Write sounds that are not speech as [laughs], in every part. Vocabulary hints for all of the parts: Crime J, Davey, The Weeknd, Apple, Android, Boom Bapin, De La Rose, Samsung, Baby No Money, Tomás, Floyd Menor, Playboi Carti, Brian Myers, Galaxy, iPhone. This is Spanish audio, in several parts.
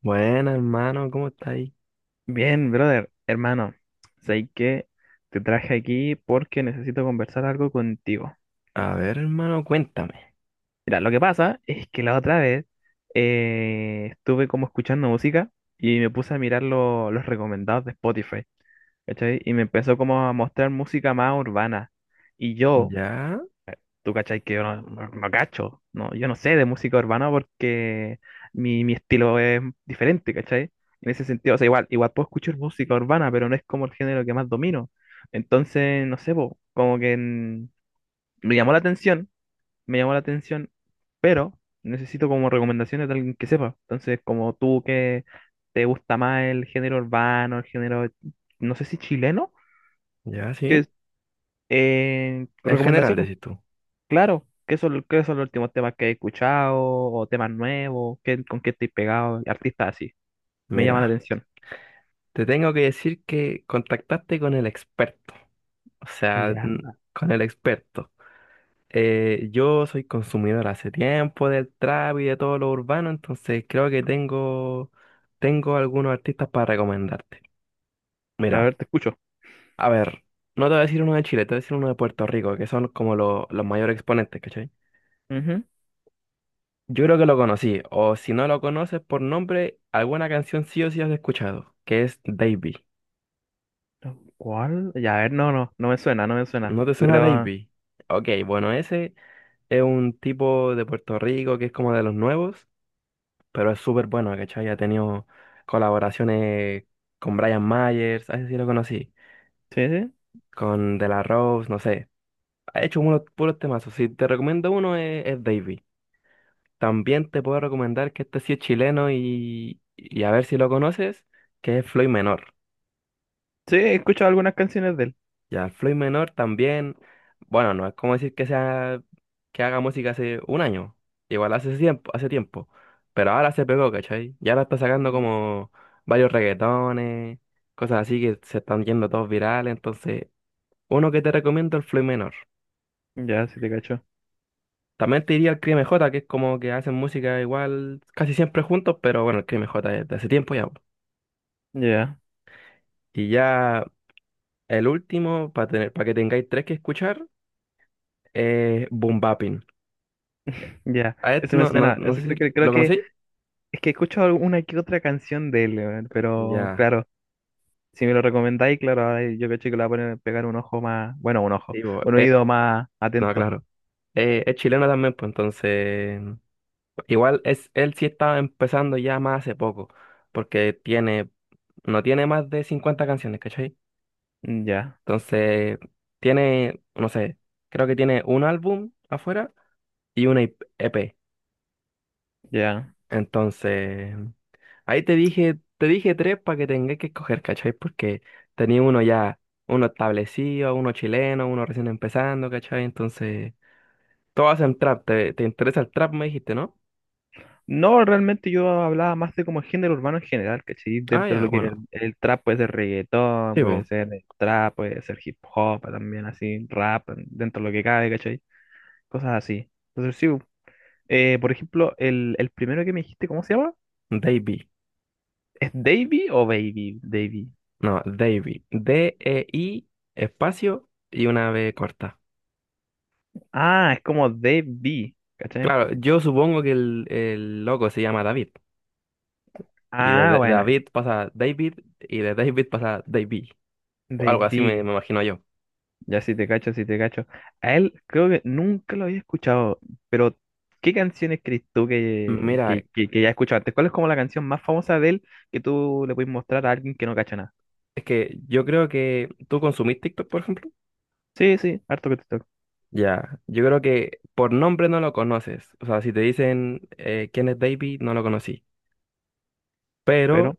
Bueno, hermano, ¿cómo está ahí? Bien, brother, hermano, sé que te traje aquí porque necesito conversar algo contigo. A ver, hermano, cuéntame. Mira, lo que pasa es que la otra vez estuve como escuchando música y me puse a mirar los recomendados de Spotify, ¿cachai? Y me empezó como a mostrar música más urbana. Y yo, Ya, tú cachai que yo no cacho, no, yo no sé de música urbana porque mi estilo es diferente, ¿cachai? En ese sentido, o sea, igual puedo escuchar música urbana, pero no es como el género que más domino. Entonces, no sé, po, como que me llamó la atención, me llamó la atención, pero necesito como recomendaciones de alguien que sepa. Entonces, como tú que te gusta más el género urbano, el género, no sé si chileno, ya, que sí. es, En general, recomendaciones. decís tú. Claro, qué son los últimos temas que he escuchado o temas nuevos? Con qué estoy pegado? Artistas así, me llama la Mira, atención. te tengo que decir que contactaste con el experto. O Y sea, ya, con el experto. Yo soy consumidor hace tiempo del trap y de todo lo urbano, entonces creo que tengo algunos artistas para recomendarte. a Mira, ver, te escucho. a ver, no te voy a decir uno de Chile, te voy a decir uno de Puerto Rico, que son como los mayores exponentes, ¿cachai? Ujú. Yo creo que lo conocí, o si no lo conoces por nombre, alguna canción sí o sí has escuchado, que es Davey. ¿Cuál? Ya, a ver, no me suena, no me suena. ¿No te suena Pero, Davey? Ok, bueno, ese es un tipo de Puerto Rico que es como de los nuevos, pero es súper bueno, ¿cachai? Ha tenido colaboraciones con Brian Myers, así sí lo conocí, sí, sí, con De La Rose, no sé. Ha hecho unos puros temazos. Si te recomiendo uno es Davey. También te puedo recomendar que este sí es chileno y a ver si lo conoces, que es Floyd Menor. sí, he escuchado algunas canciones de él. Ya el Floyd Menor también, bueno, no es como decir que sea que haga música hace un año, igual hace tiempo, pero ahora se pegó, ¿cachai? Y ahora está sacando Mm. como varios reggaetones, cosas así que se están yendo todos virales, entonces, uno que te recomiendo el Floyd Menor. Ya, sí te cacho. También te diría el Crime J, que es como que hacen música igual casi siempre juntos, pero bueno, el Crime J es de hace tiempo ya, po. Ya, Y ya el último, para tener, para que tengáis tres que escuchar, es Boom Bapin. ya, A este ese me no, no, suena. no sé Ese si creo lo que conocí. es que he escuchado alguna que otra canción de él, weón, pero Ya, claro, si me lo recomendáis, claro, ahora yo cacho que le voy a poner, pegar un ojo más, bueno, un ojo, digo, un oído más no, atento. claro. Es chileno también, pues entonces. Igual es, él sí estaba empezando ya más hace poco, porque tiene, no tiene más de 50 canciones, ¿cachai? Mm, ya, Entonces, tiene, no sé, creo que tiene un álbum afuera y una EP. ya. Entonces, ahí te dije tres para que tengas que escoger, ¿cachai? Porque tenía uno ya, uno establecido, uno chileno, uno recién empezando, ¿cachai? Entonces. Todas en trap. ¿Te interesa el trap, me dijiste, ¿no? No, realmente yo hablaba más de como el género urbano en general, ¿cachai? Ah, Dentro de ya, lo que es el, bueno. el trap puede ser reggaetón, Sí, puede bo. ser el trap, puede ser hip hop también así, rap, dentro de lo que cabe, ¿cachai? Cosas así. Entonces sí, por ejemplo, el primero que me dijiste, ¿cómo se llama? Davey. ¿Es Davey o Baby? Davey. No, Davey. Dei, espacio y una B corta. Ah, es como Davey, ¿cachai? Claro, yo supongo que el loco se llama David. Y Ah, bueno, David pasa David y de David pasa Davey. O algo así me, Davey. me imagino yo. Ya sí te cacho, sí te cacho. A él creo que nunca lo había escuchado, pero ¿qué canciones crees tú Mira, que ya he escuchado antes? ¿Cuál es como la canción más famosa de él que tú le puedes mostrar a alguien que no cacha nada? es que yo creo que tú consumís TikTok, por ejemplo. Sí, sí, harto que te toco, Ya, yo creo que por nombre no lo conoces. O sea, si te dicen quién es Davey, no lo conocí. pero... Pero...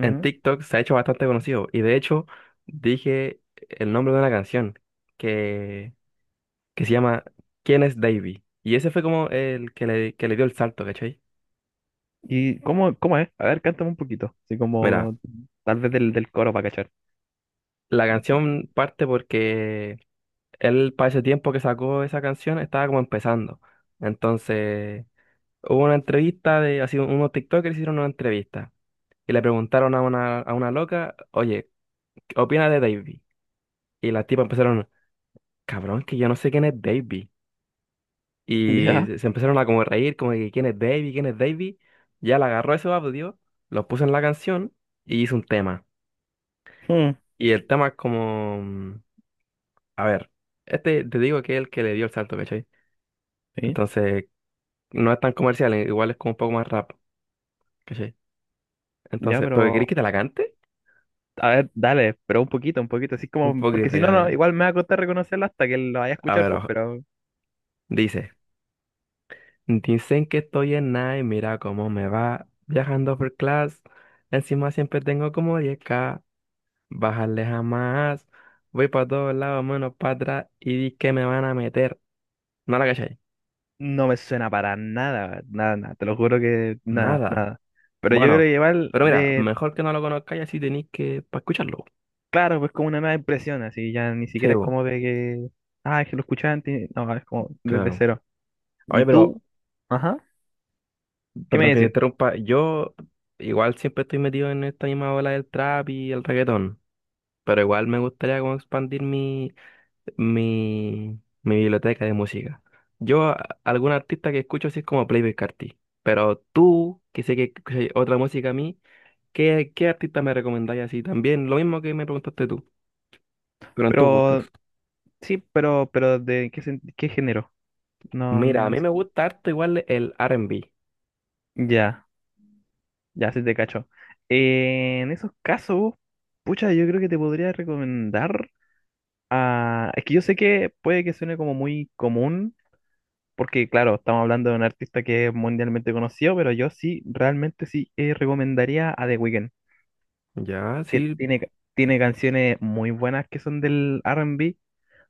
en TikTok se ha hecho bastante conocido. Y de hecho, dije el nombre de una canción que, que se llama ¿Quién es Davy? Y ese fue como el que le dio el salto, ¿cachai? ¿Y cómo, cómo es? A ver, cántame un poquito, así Mira, como tal vez del coro para cachar. la canción parte porque él para ese tiempo que sacó esa canción estaba como empezando. Entonces, hubo una entrevista de, así, unos TikTokers hicieron una entrevista. Y le preguntaron a una loca, oye, ¿qué opinas de Davy? Y las tipas empezaron, cabrón, que yo no sé quién es Davy. [laughs] Y Ya, se empezaron a como reír, como que quién es Davey, quién es Davey. Ya le agarró ese audio, lo puso en la canción y hizo un tema. hmm, Y el tema es como, a ver, este te digo que es el que le dio el salto, ¿cachai? sí. Entonces, no es tan comercial, igual es como un poco más rap, ¿cachai? Ya, Entonces, ¿pero querés que pero... te la cante? A ver, dale, pero un poquito, así Un como... Porque poquito, si no, ya mira. no, igual me va a costar reconocerla hasta que lo vaya a A escuchar, ver, pues, ojo. pero... Dice, dicen que estoy en nada y mira cómo me va viajando por class. Encima siempre tengo como 10K. Bajarle jamás. Voy para todos lados, menos para atrás. Y di que me van a meter. No la cachai. No me suena para nada, nada, nada, te lo juro que nada, Nada. nada. Pero yo creo Bueno, que igual, pero mira, de, mejor que no lo conozcáis así tenéis que para escucharlo. claro, pues como una nueva impresión, así ya ni Sí, siquiera es vos, como de que, ah, es que lo escuchaba antes, no, es como desde claro. cero. Oye, ¿Y pero, tú? Ajá, ¿qué me perdón que te decir? interrumpa. Yo igual siempre estoy metido en esta misma ola del trap y el reggaetón. Pero igual me gustaría como expandir mi biblioteca de música. Yo, a- Algún artista que escucho así es como Playboi Carti. Pero tú, que sé que escuchas otra música a mí. ¿Qué artista me recomendáis así? También lo mismo que me preguntaste tú, pero en tus gustos. Pero, sí, pero ¿de qué género? No, Mira, a no mí sé. me gusta harto igual el R&B. Ya, ya se te cacho. En esos casos, pucha, yo creo que te podría recomendar, a es que yo sé que puede que suene como muy común. Porque, claro, estamos hablando de un artista que es mundialmente conocido, pero yo sí, realmente sí recomendaría a The Weeknd, Ya, que sí, tiene, tiene canciones muy buenas que son del R&B,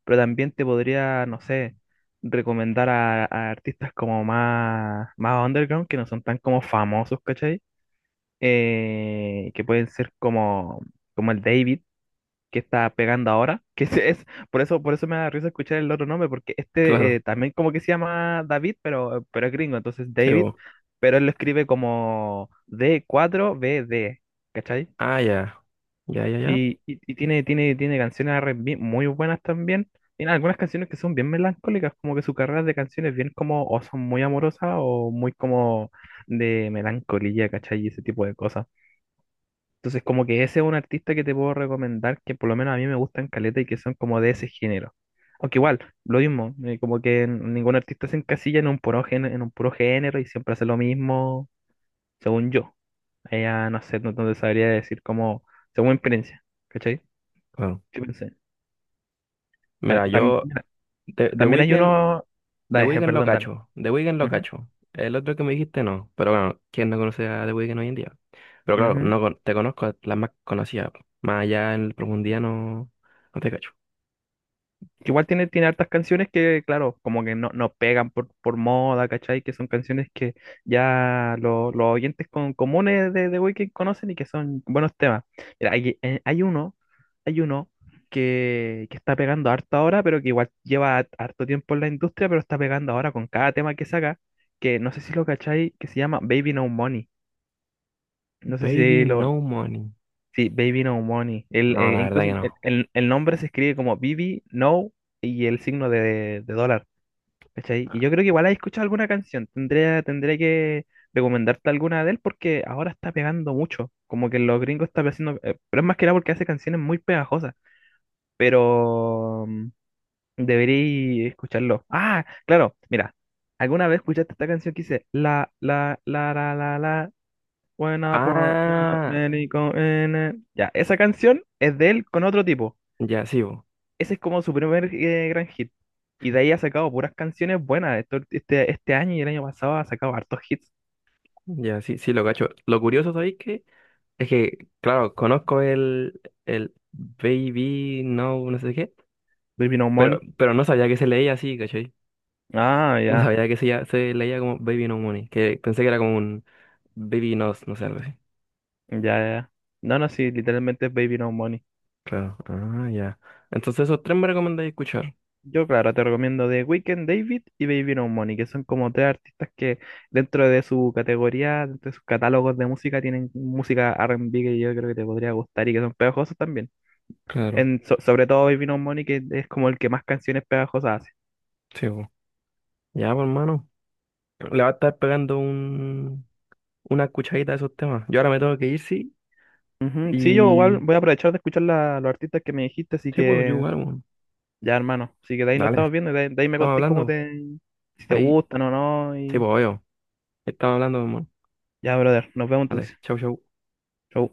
pero también te podría, no sé, recomendar a artistas como más, más underground, que no son tan como famosos, ¿cachai? Que pueden ser como, como el David que está pegando ahora, que [laughs] ese es, por eso me da risa escuchar el otro nombre, porque este claro. También como que se llama David, pero es gringo, entonces Sí, David, bo. pero él lo escribe como d cuatro B D, cachai. Ah, ya, ya, ya, ya. Y tiene, tiene, tiene canciones R&B muy buenas también, tiene algunas canciones que son bien melancólicas, como que su carrera de canciones bien como, o son muy amorosas, o muy como de melancolía, ¿cachai? Y ese tipo de cosas. Entonces, como que ese es un artista que te puedo recomendar, que por lo menos a mí me gustan caleta y que son como de ese género. Aunque igual, lo mismo, como que ningún artista se encasilla en un puro género, en un puro género y siempre hace lo mismo, según yo. Ella, no sé, no, no te sabría decir como, según mi experiencia, ¿cachai? Claro. ¿Qué pensé? Ah, Mira, tam- yo, The también hay Weeknd, uno, The dale, [laughs] Weeknd lo perdón, dale. cacho, The Weeknd lo Ujú, cacho. El otro que me dijiste no, pero bueno, ¿quién no conoce a The Weeknd hoy en día? Pero claro, ujú. no con- te conozco las más conocidas, po. Más allá en profundidad no, no te cacho. Que igual tiene, tiene hartas canciones que, claro, como que no, no pegan por moda, ¿cachai? Que son canciones que ya los oyentes con, comunes de Weeknd conocen y que son buenos temas. Mira, hay, hay uno que está pegando harto ahora, pero que igual lleva harto tiempo en la industria, pero está pegando ahora con cada tema que saca, que no sé si lo cachai, que se llama Baby No Money. No sé Baby si lo, No Money. sí, Baby No Money. El, No, la verdad incluso que el, no. El nombre se escribe como Baby No y el signo de dólar. ¿Cachai? Y yo creo que igual has escuchado alguna canción. Tendría, tendría que recomendarte alguna de él porque ahora está pegando mucho. Como que los gringos están haciendo. Eh, pero es más que nada porque hace canciones muy pegajosas. Pero mm, debería escucharlo. Ah, claro, mira. ¿Alguna vez escuchaste esta canción que dice la, la, la, la, la, la? When I put that Ah, many go in it. Ya, esa canción es de él con otro tipo. ya, sí, bo. Ese es como su primer gran hit. Y de ahí ha sacado puras canciones buenas. Este, este año y el año pasado ha sacado hartos hits. Ya, sí, sí, lo cacho. Lo curioso, ¿sabéis qué? Es que, claro, conozco el Baby No, no sé qué, Baby No pero, Money. pero no sabía que se leía así, ¿cachai? Ah, No ya, sabía que se leía como Baby No Money, que pensé que era como un Baby Nos, no sé, algo así. ya, ya. No, no, sí, literalmente es Baby No Money. Claro, ah, ya. Entonces esos tres me recomendáis escuchar. Yo, claro, te recomiendo The Weeknd, David y Baby No Money, que son como tres artistas que dentro de su categoría, dentro de sus catálogos de música, tienen música R&B que yo creo que te podría gustar y que son pegajosos también. Claro, En, sobre todo Baby No Money, que es como el que más canciones pegajosas hace. sí, po. Ya, pues, hermano, le va a estar pegando un, una escuchadita a esos temas. Yo ahora me tengo que ir, sí, Ujú, sí, yo igual y voy a aprovechar de escuchar los artistas que me dijiste, así sí, pues, yo que igual, bueno. ya, hermano. Así que de ahí nos Dale, estamos viendo, y de ahí me estamos contéis cómo hablando. te, si te Ahí, gustan o no, sí, y pues, veo. Estaba hablando, mamá. ya, brother, nos vemos Vale, entonces. chau, chau. Chau.